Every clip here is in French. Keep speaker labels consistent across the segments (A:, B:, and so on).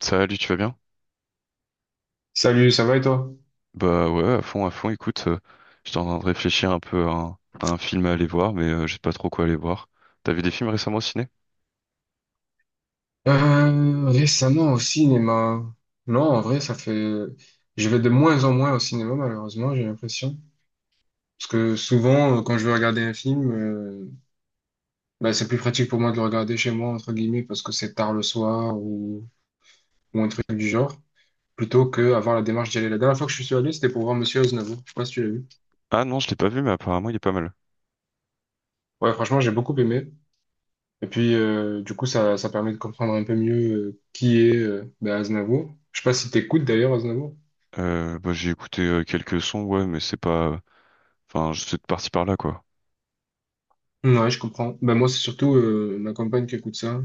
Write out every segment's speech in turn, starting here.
A: Salut, tu vas bien?
B: Salut, ça va et toi?
A: Bah ouais, à fond, à fond. Écoute, j'étais en train de réfléchir un peu à à un film à aller voir, mais je sais pas trop quoi aller voir. T'as vu des films récemment au ciné?
B: Récemment au cinéma. Non, en vrai, ça fait Je vais de moins en moins au cinéma, malheureusement, j'ai l'impression. Parce que souvent, quand je veux regarder un film, bah, c'est plus pratique pour moi de le regarder chez moi, entre guillemets, parce que c'est tard le soir ou un truc du genre, plutôt que avoir la démarche d'y aller. La dernière fois que je suis allé, c'était pour voir Monsieur Aznavour. Je sais pas si tu l'as vu.
A: Ah non, je l'ai pas vu, mais apparemment il est pas mal.
B: Ouais, franchement, j'ai beaucoup aimé. Et puis, du coup, ça permet de comprendre un peu mieux qui est bah, Aznavour. Je sais pas si t'écoutes d'ailleurs Aznavour.
A: Bah, j'ai écouté quelques sons, ouais, mais c'est pas. Enfin, je suis parti par là, quoi.
B: Ouais, je comprends. Ben moi, c'est surtout ma compagne qui écoute ça.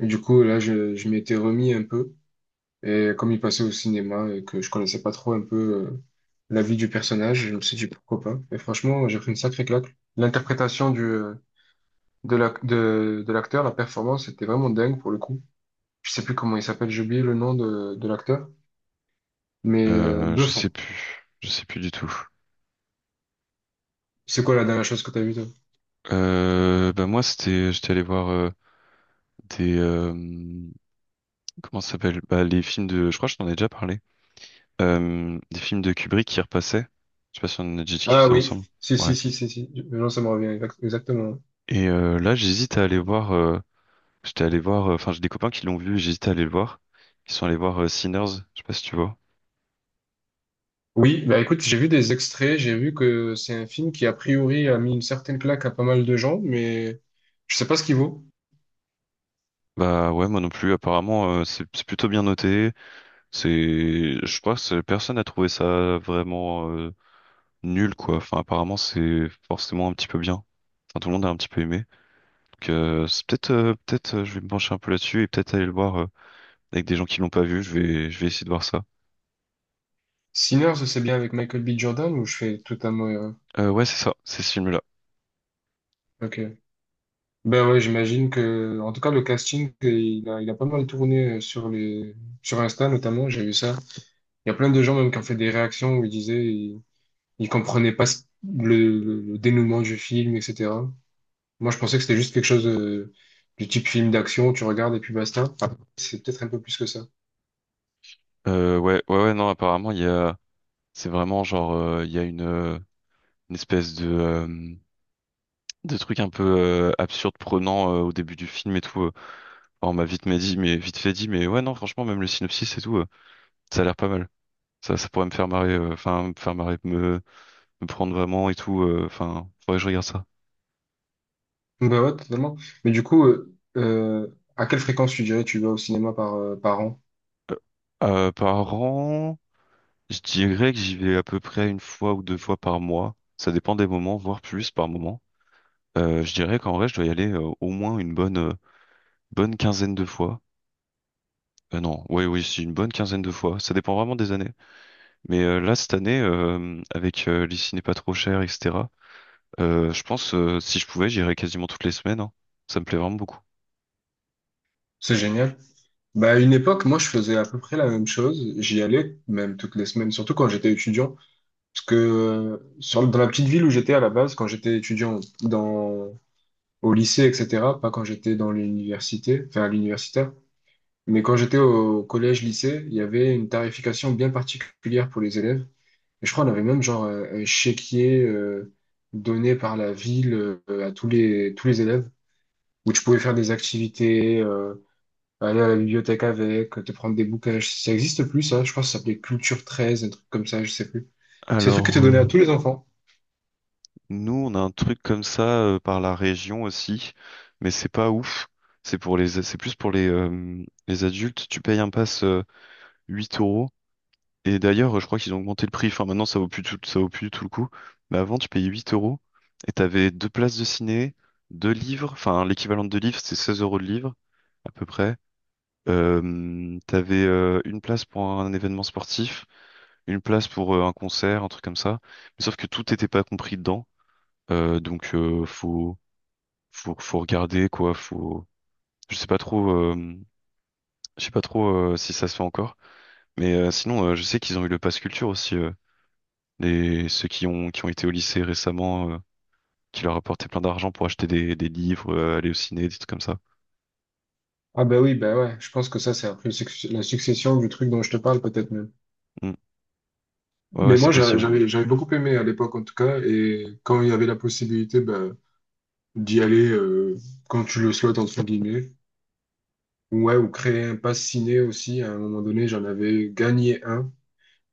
B: Et du coup, là, je m'étais remis un peu. Et comme il passait au cinéma et que je connaissais pas trop un peu euh, la vie du personnage, je me suis dit pourquoi pas. Et franchement, j'ai pris une sacrée claque. L'interprétation du de l'acteur, la performance était vraiment dingue pour le coup. Je sais plus comment il s'appelle, j'ai oublié le nom de l'acteur, mais
A: Je sais
B: bluffant.
A: plus, je sais plus du tout.
B: C'est quoi la dernière chose que t'as vue, toi?
A: Bah moi, c'était, j'étais allé voir des, euh, comment ça s'appelle? Bah les films de, je crois que je t'en ai déjà parlé. Des films de Kubrick qui repassaient. Je sais pas si on en a déjà
B: Ah
A: discuté
B: oui,
A: ensemble.
B: si,
A: Ouais.
B: si, si, si, si. Non, ça me revient exactement.
A: Et là, j'hésite à aller voir. J'étais allé voir. Enfin, j'ai des copains qui l'ont vu. Et j'hésite à aller le voir. Ils sont allés voir Sinners. Je sais pas si tu vois.
B: Oui, bah écoute, j'ai vu des extraits, j'ai vu que c'est un film qui a priori a mis une certaine claque à pas mal de gens, mais je sais pas ce qu'il vaut.
A: Bah ouais, moi non plus. Apparemment, c'est plutôt bien noté. C'est, je crois que personne n'a trouvé ça vraiment nul quoi. Enfin, apparemment, c'est forcément un petit peu bien. Enfin, tout le monde a un petit peu aimé. Donc, c'est peut-être, je vais me pencher un peu là-dessus et peut-être aller le voir avec des gens qui l'ont pas vu. Je vais essayer de voir ça.
B: Sinners, c'est bien avec Michael B. Jordan ou je fais totalement erreur?
A: Ouais, c'est ça. C'est ce film-là.
B: Ok. Ben ouais, j'imagine que, en tout cas, le casting, il a pas mal tourné sur sur Insta notamment, j'ai vu ça. Il y a plein de gens même qui ont fait des réactions où ils disaient, ils comprenaient pas le dénouement du film, etc. Moi, je pensais que c'était juste quelque chose du type film d'action, tu regardes et puis basta. Ah, c'est peut-être un peu plus que ça.
A: Ouais. Non, apparemment, il y a. C'est vraiment genre, il y a une espèce de, de truc un peu absurde, prenant au début du film et tout. Enfin, on m'a vite, mais dit, mais vite fait dit, mais ouais, non, franchement, même le synopsis et tout, ça a l'air pas mal. Ça pourrait me faire marrer, enfin, me faire marrer, me prendre vraiment et tout. Enfin, faudrait que je regarde ça.
B: Bah ouais, totalement. Mais du coup, à quelle fréquence tu dirais tu vas au cinéma par, par an?
A: Euh, par an, je dirais que j'y vais à peu près une fois ou deux fois par mois. Ça dépend des moments, voire plus par moment. Je dirais qu'en vrai, je dois y aller au moins une bonne, bonne quinzaine de fois. Non, oui, oui, c'est une bonne quinzaine de fois. Ça dépend vraiment des années. Mais là, cette année, avec les ciné pas trop chers, etc., je pense, si je pouvais, j'irais quasiment toutes les semaines, hein. Ça me plaît vraiment beaucoup.
B: C'est génial. Bah, à une époque, moi, je faisais à peu près la même chose. J'y allais, même toutes les semaines, surtout quand j'étais étudiant. Parce que dans la petite ville où j'étais à la base, quand j'étais étudiant dans, au lycée, etc., pas quand j'étais dans l'université, enfin à l'universitaire, mais quand j'étais au collège-lycée, il y avait une tarification bien particulière pour les élèves. Et je crois qu'on avait même genre un chéquier donné par la ville à tous les élèves, où tu pouvais faire des activités, aller à la bibliothèque avec, te prendre des bouquins. Ça existe plus, ça. Je crois que ça s'appelait Culture 13, un truc comme ça, je sais plus. C'est un truc qui
A: Alors,
B: était donné à tous les enfants.
A: nous, on a un truc comme ça par la région aussi, mais c'est pas ouf. C'est pour les, c'est plus pour les adultes. Tu payes un pass 8 euros. Et d'ailleurs, je crois qu'ils ont augmenté le prix. Enfin, maintenant, ça vaut plus tout, ça vaut plus du tout le coup. Mais avant, tu payais 8 euros et t'avais deux places de ciné, deux livres. Enfin, l'équivalent de deux livres, c'est 16 euros de livre, à peu près. T'avais une place pour un événement sportif, une place pour un concert, un truc comme ça. Mais sauf que tout n'était pas compris dedans. Donc, faut regarder quoi. Faut, je sais pas trop, je sais pas trop si ça se fait encore. Mais sinon, je sais qu'ils ont eu le pass culture aussi. Les, ceux qui ont été au lycée récemment, qui leur apportaient plein d'argent pour acheter des livres, aller au ciné, des trucs comme ça.
B: Ah bah oui, bah ouais, je pense que ça, c'est après la succession du truc dont je te parle, peut-être même.
A: Hmm. Ouais, ouais,
B: Mais
A: c'est
B: moi,
A: possible.
B: j'avais beaucoup aimé à l'époque, en tout cas, et quand il y avait la possibilité bah, d'y aller quand tu le souhaites, entre guillemets. Ouais, ou créer un pass ciné aussi. À un moment donné, j'en avais gagné un.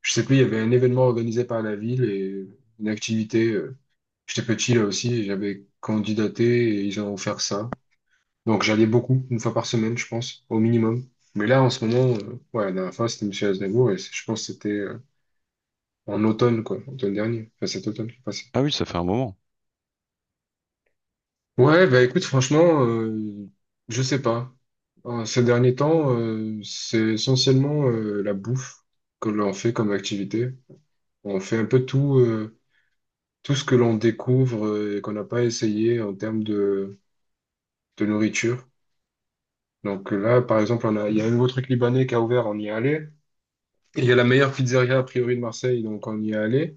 B: Je sais plus, il y avait un événement organisé par la ville et une activité. J'étais petit là aussi et j'avais candidaté et ils ont offert ça. Donc j'allais beaucoup, une fois par semaine, je pense, au minimum. Mais là, en ce moment, ouais, la dernière fois, c'était Monsieur Aznavour et je pense que c'était en automne, quoi, automne dernier, enfin cet automne qui est…
A: Ah oui, ça fait un moment.
B: Ouais, bah écoute, franchement, je sais pas. En ces derniers temps, c'est essentiellement la bouffe que l'on fait comme activité. On fait un peu tout, tout ce que l'on découvre et qu'on n'a pas essayé en termes de nourriture. Donc là, par exemple, il y a un nouveau truc libanais qui a ouvert, on y est allé. Et il y a la meilleure pizzeria a priori de Marseille, donc on y est allé.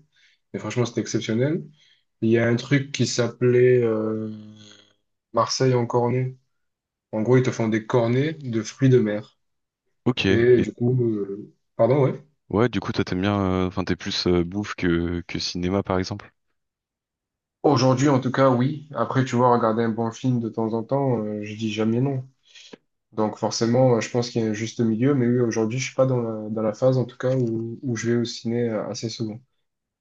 B: Et franchement, c'était exceptionnel. Il y a un truc qui s'appelait Marseille en cornet. En gros, ils te font des cornets de fruits de mer.
A: Ok.
B: Et
A: Et
B: du coup, pardon, ouais.
A: ouais, du coup, toi, t'aimes bien, enfin, t'es plus bouffe que cinéma, par exemple.
B: Aujourd'hui, en tout cas, oui. Après, tu vois, regarder un bon film de temps en temps, je dis jamais non. Donc forcément, je pense qu'il y a un juste milieu. Mais oui, aujourd'hui, je suis pas dans dans la phase, en tout cas, où je vais au ciné assez souvent.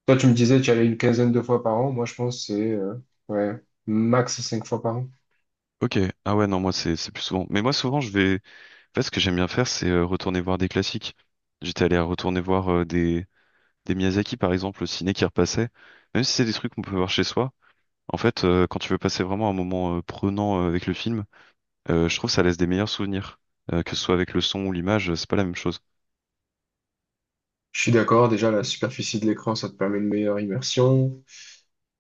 B: Toi, tu me disais, tu y allais une quinzaine de fois par an. Moi, je pense que c'est ouais, max cinq fois par an.
A: Ok. Ah ouais, non, moi, c'est plus souvent. Mais moi, souvent, je vais. En fait, ce que j'aime bien faire, c'est retourner voir des classiques. J'étais allé retourner voir des Miyazaki, par exemple, au ciné qui repassaient. Même si c'est des trucs qu'on peut voir chez soi. En fait, quand tu veux passer vraiment un moment prenant avec le film, je trouve que ça laisse des meilleurs souvenirs. Que ce soit avec le son ou l'image, c'est pas la même chose.
B: Je suis d'accord. Déjà, la superficie de l'écran, ça te permet une meilleure immersion.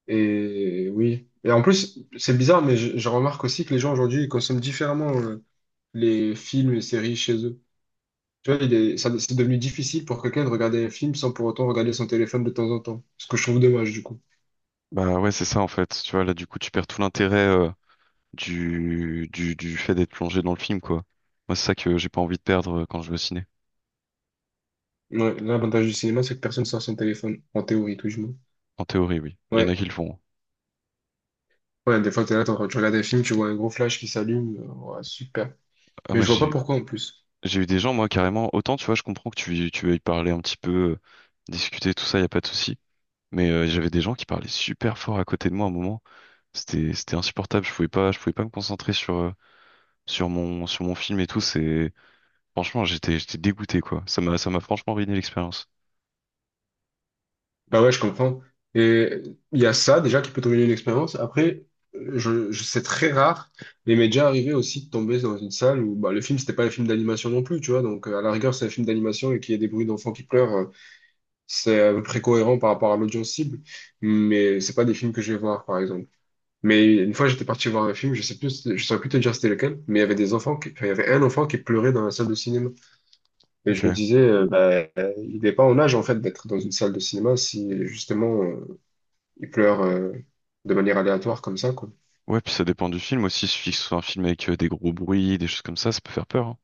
B: Et oui. Et en plus, c'est bizarre, mais je remarque aussi que les gens aujourd'hui, ils consomment différemment les films et séries chez eux. Tu vois, c'est devenu difficile pour quelqu'un de regarder un film sans pour autant regarder son téléphone de temps en temps. Ce que je trouve dommage, du coup.
A: Bah ouais, c'est ça en fait. Tu vois, là du coup, tu perds tout l'intérêt du fait d'être plongé dans le film, quoi. Moi, c'est ça que j'ai pas envie de perdre quand je vais au ciné.
B: Ouais, l'avantage du cinéma, c'est que personne sort son téléphone, en théorie, tout du moins.
A: En théorie, oui. Il y en a
B: Ouais,
A: qui le font, hein.
B: ouais, des fois, t'es là, t'es en train de regarder un film, tu vois un gros flash qui s'allume. Ouais, super.
A: Ah,
B: Mais
A: moi,
B: je vois pas
A: j'ai
B: pourquoi en plus.
A: j'ai eu des gens, moi, carrément. Autant, tu vois, je comprends que tu veuilles parler un petit peu, discuter, tout ça, y a pas de souci. Mais j'avais des gens qui parlaient super fort à côté de moi à un moment. C'était, c'était insupportable. Je pouvais pas me concentrer sur, sur mon film et tout. C'est. Franchement, j'étais dégoûté quoi. Ça m'a franchement ruiné l'expérience.
B: Bah ouais, je comprends. Et il y a ça déjà qui peut te une expérience. Après, c'est très rare, mais il m'est déjà arrivé aussi de tomber dans une salle où bah, le film, c'était pas un film d'animation non plus, tu vois. Donc, à la rigueur, c'est un film d'animation et qu'il y ait des bruits d'enfants qui pleurent, c'est à peu près cohérent par rapport à l'audience cible. Mais c'est pas des films que je vais voir, par exemple. Mais une fois, j'étais parti voir un film, je sais plus, je saurais plus te dire c'était lequel, mais il y avait des enfants qui, enfin, il y avait un enfant qui pleurait dans la salle de cinéma. Et
A: Ok.
B: je me disais, il n'est pas en âge, en fait, d'être dans une salle de cinéma si, justement, il pleure de manière aléatoire comme ça, quoi.
A: Ouais, puis ça dépend du film aussi. Il suffit que ce soit un film avec des gros bruits, des choses comme ça peut faire peur, hein.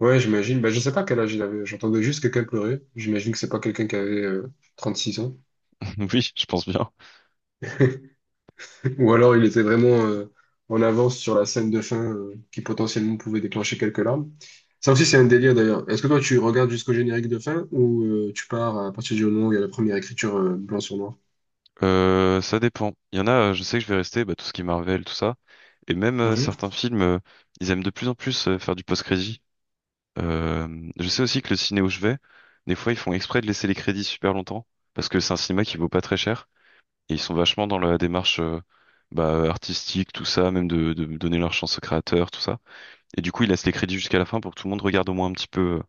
B: Ouais, j'imagine. Bah, je sais pas quel âge il avait. J'entendais juste quelqu'un pleurer. J'imagine que c'est pas quelqu'un qui avait six ans.
A: Oui, je pense bien.
B: Ou alors il était vraiment en avance sur la scène de fin qui potentiellement pouvait déclencher quelques larmes. Ça aussi, c'est un délire d'ailleurs. Est-ce que toi, tu regardes jusqu'au générique de fin ou tu pars à partir du moment où il y a la première écriture blanc sur noir?
A: Ça dépend. Il y en a, je sais que je vais rester, bah, tout ce qui est Marvel, tout ça. Et même
B: Mhm.
A: certains films, ils aiment de plus en plus faire du post-crédit. Je sais aussi que le ciné où je vais, des fois ils font exprès de laisser les crédits super longtemps, parce que c'est un cinéma qui vaut pas très cher. Et ils sont vachement dans la démarche bah, artistique, tout ça, même de donner leur chance aux créateurs, tout ça. Et du coup, il laisse les crédits jusqu'à la fin pour que tout le monde regarde au moins un petit peu,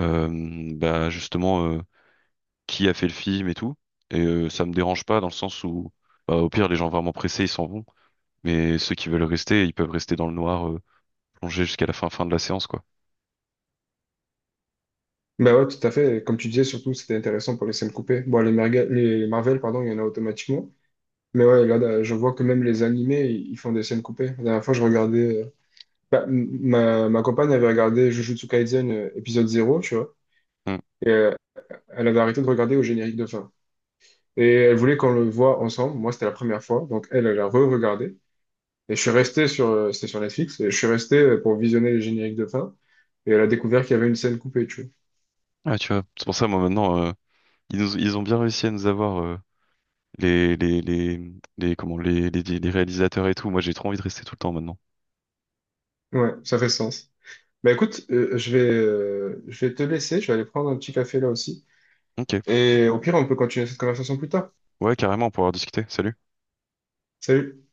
A: bah, justement, qui a fait le film et tout. Et ça me dérange pas dans le sens où, bah, au pire, les gens vraiment pressés, ils s'en vont. Mais ceux qui veulent rester, ils peuvent rester dans le noir, plongés jusqu'à la fin, fin de la séance, quoi.
B: Bah ouais, tout à fait. Comme tu disais, surtout, c'était intéressant pour les scènes coupées. Bon, les Marvel, pardon, il y en a automatiquement. Mais ouais, là, je vois que même les animés, ils font des scènes coupées. La dernière fois, je regardais. Ma compagne avait regardé Jujutsu Kaisen épisode 0, tu vois.
A: Hmm.
B: Et elle avait arrêté de regarder au générique de fin. Et elle voulait qu'on le voit ensemble. Moi, c'était la première fois. Donc, elle a re-regardé. Et je suis resté sur. C'était sur Netflix. Et je suis resté pour visionner les génériques de fin. Et elle a découvert qu'il y avait une scène coupée, tu
A: Ouais, tu vois. C'est pour ça, moi, maintenant, ils ont bien réussi à nous avoir, les, les, les, les, comment, les réalisateurs et tout. Moi, j'ai trop envie de rester tout le temps maintenant.
B: vois. Ouais, ça fait sens. Bah écoute, je vais te laisser. Je vais aller prendre un petit café là aussi.
A: Ok.
B: Et au pire, on peut continuer cette conversation plus tard.
A: Ouais, carrément, pour avoir discuté. Salut.
B: Salut.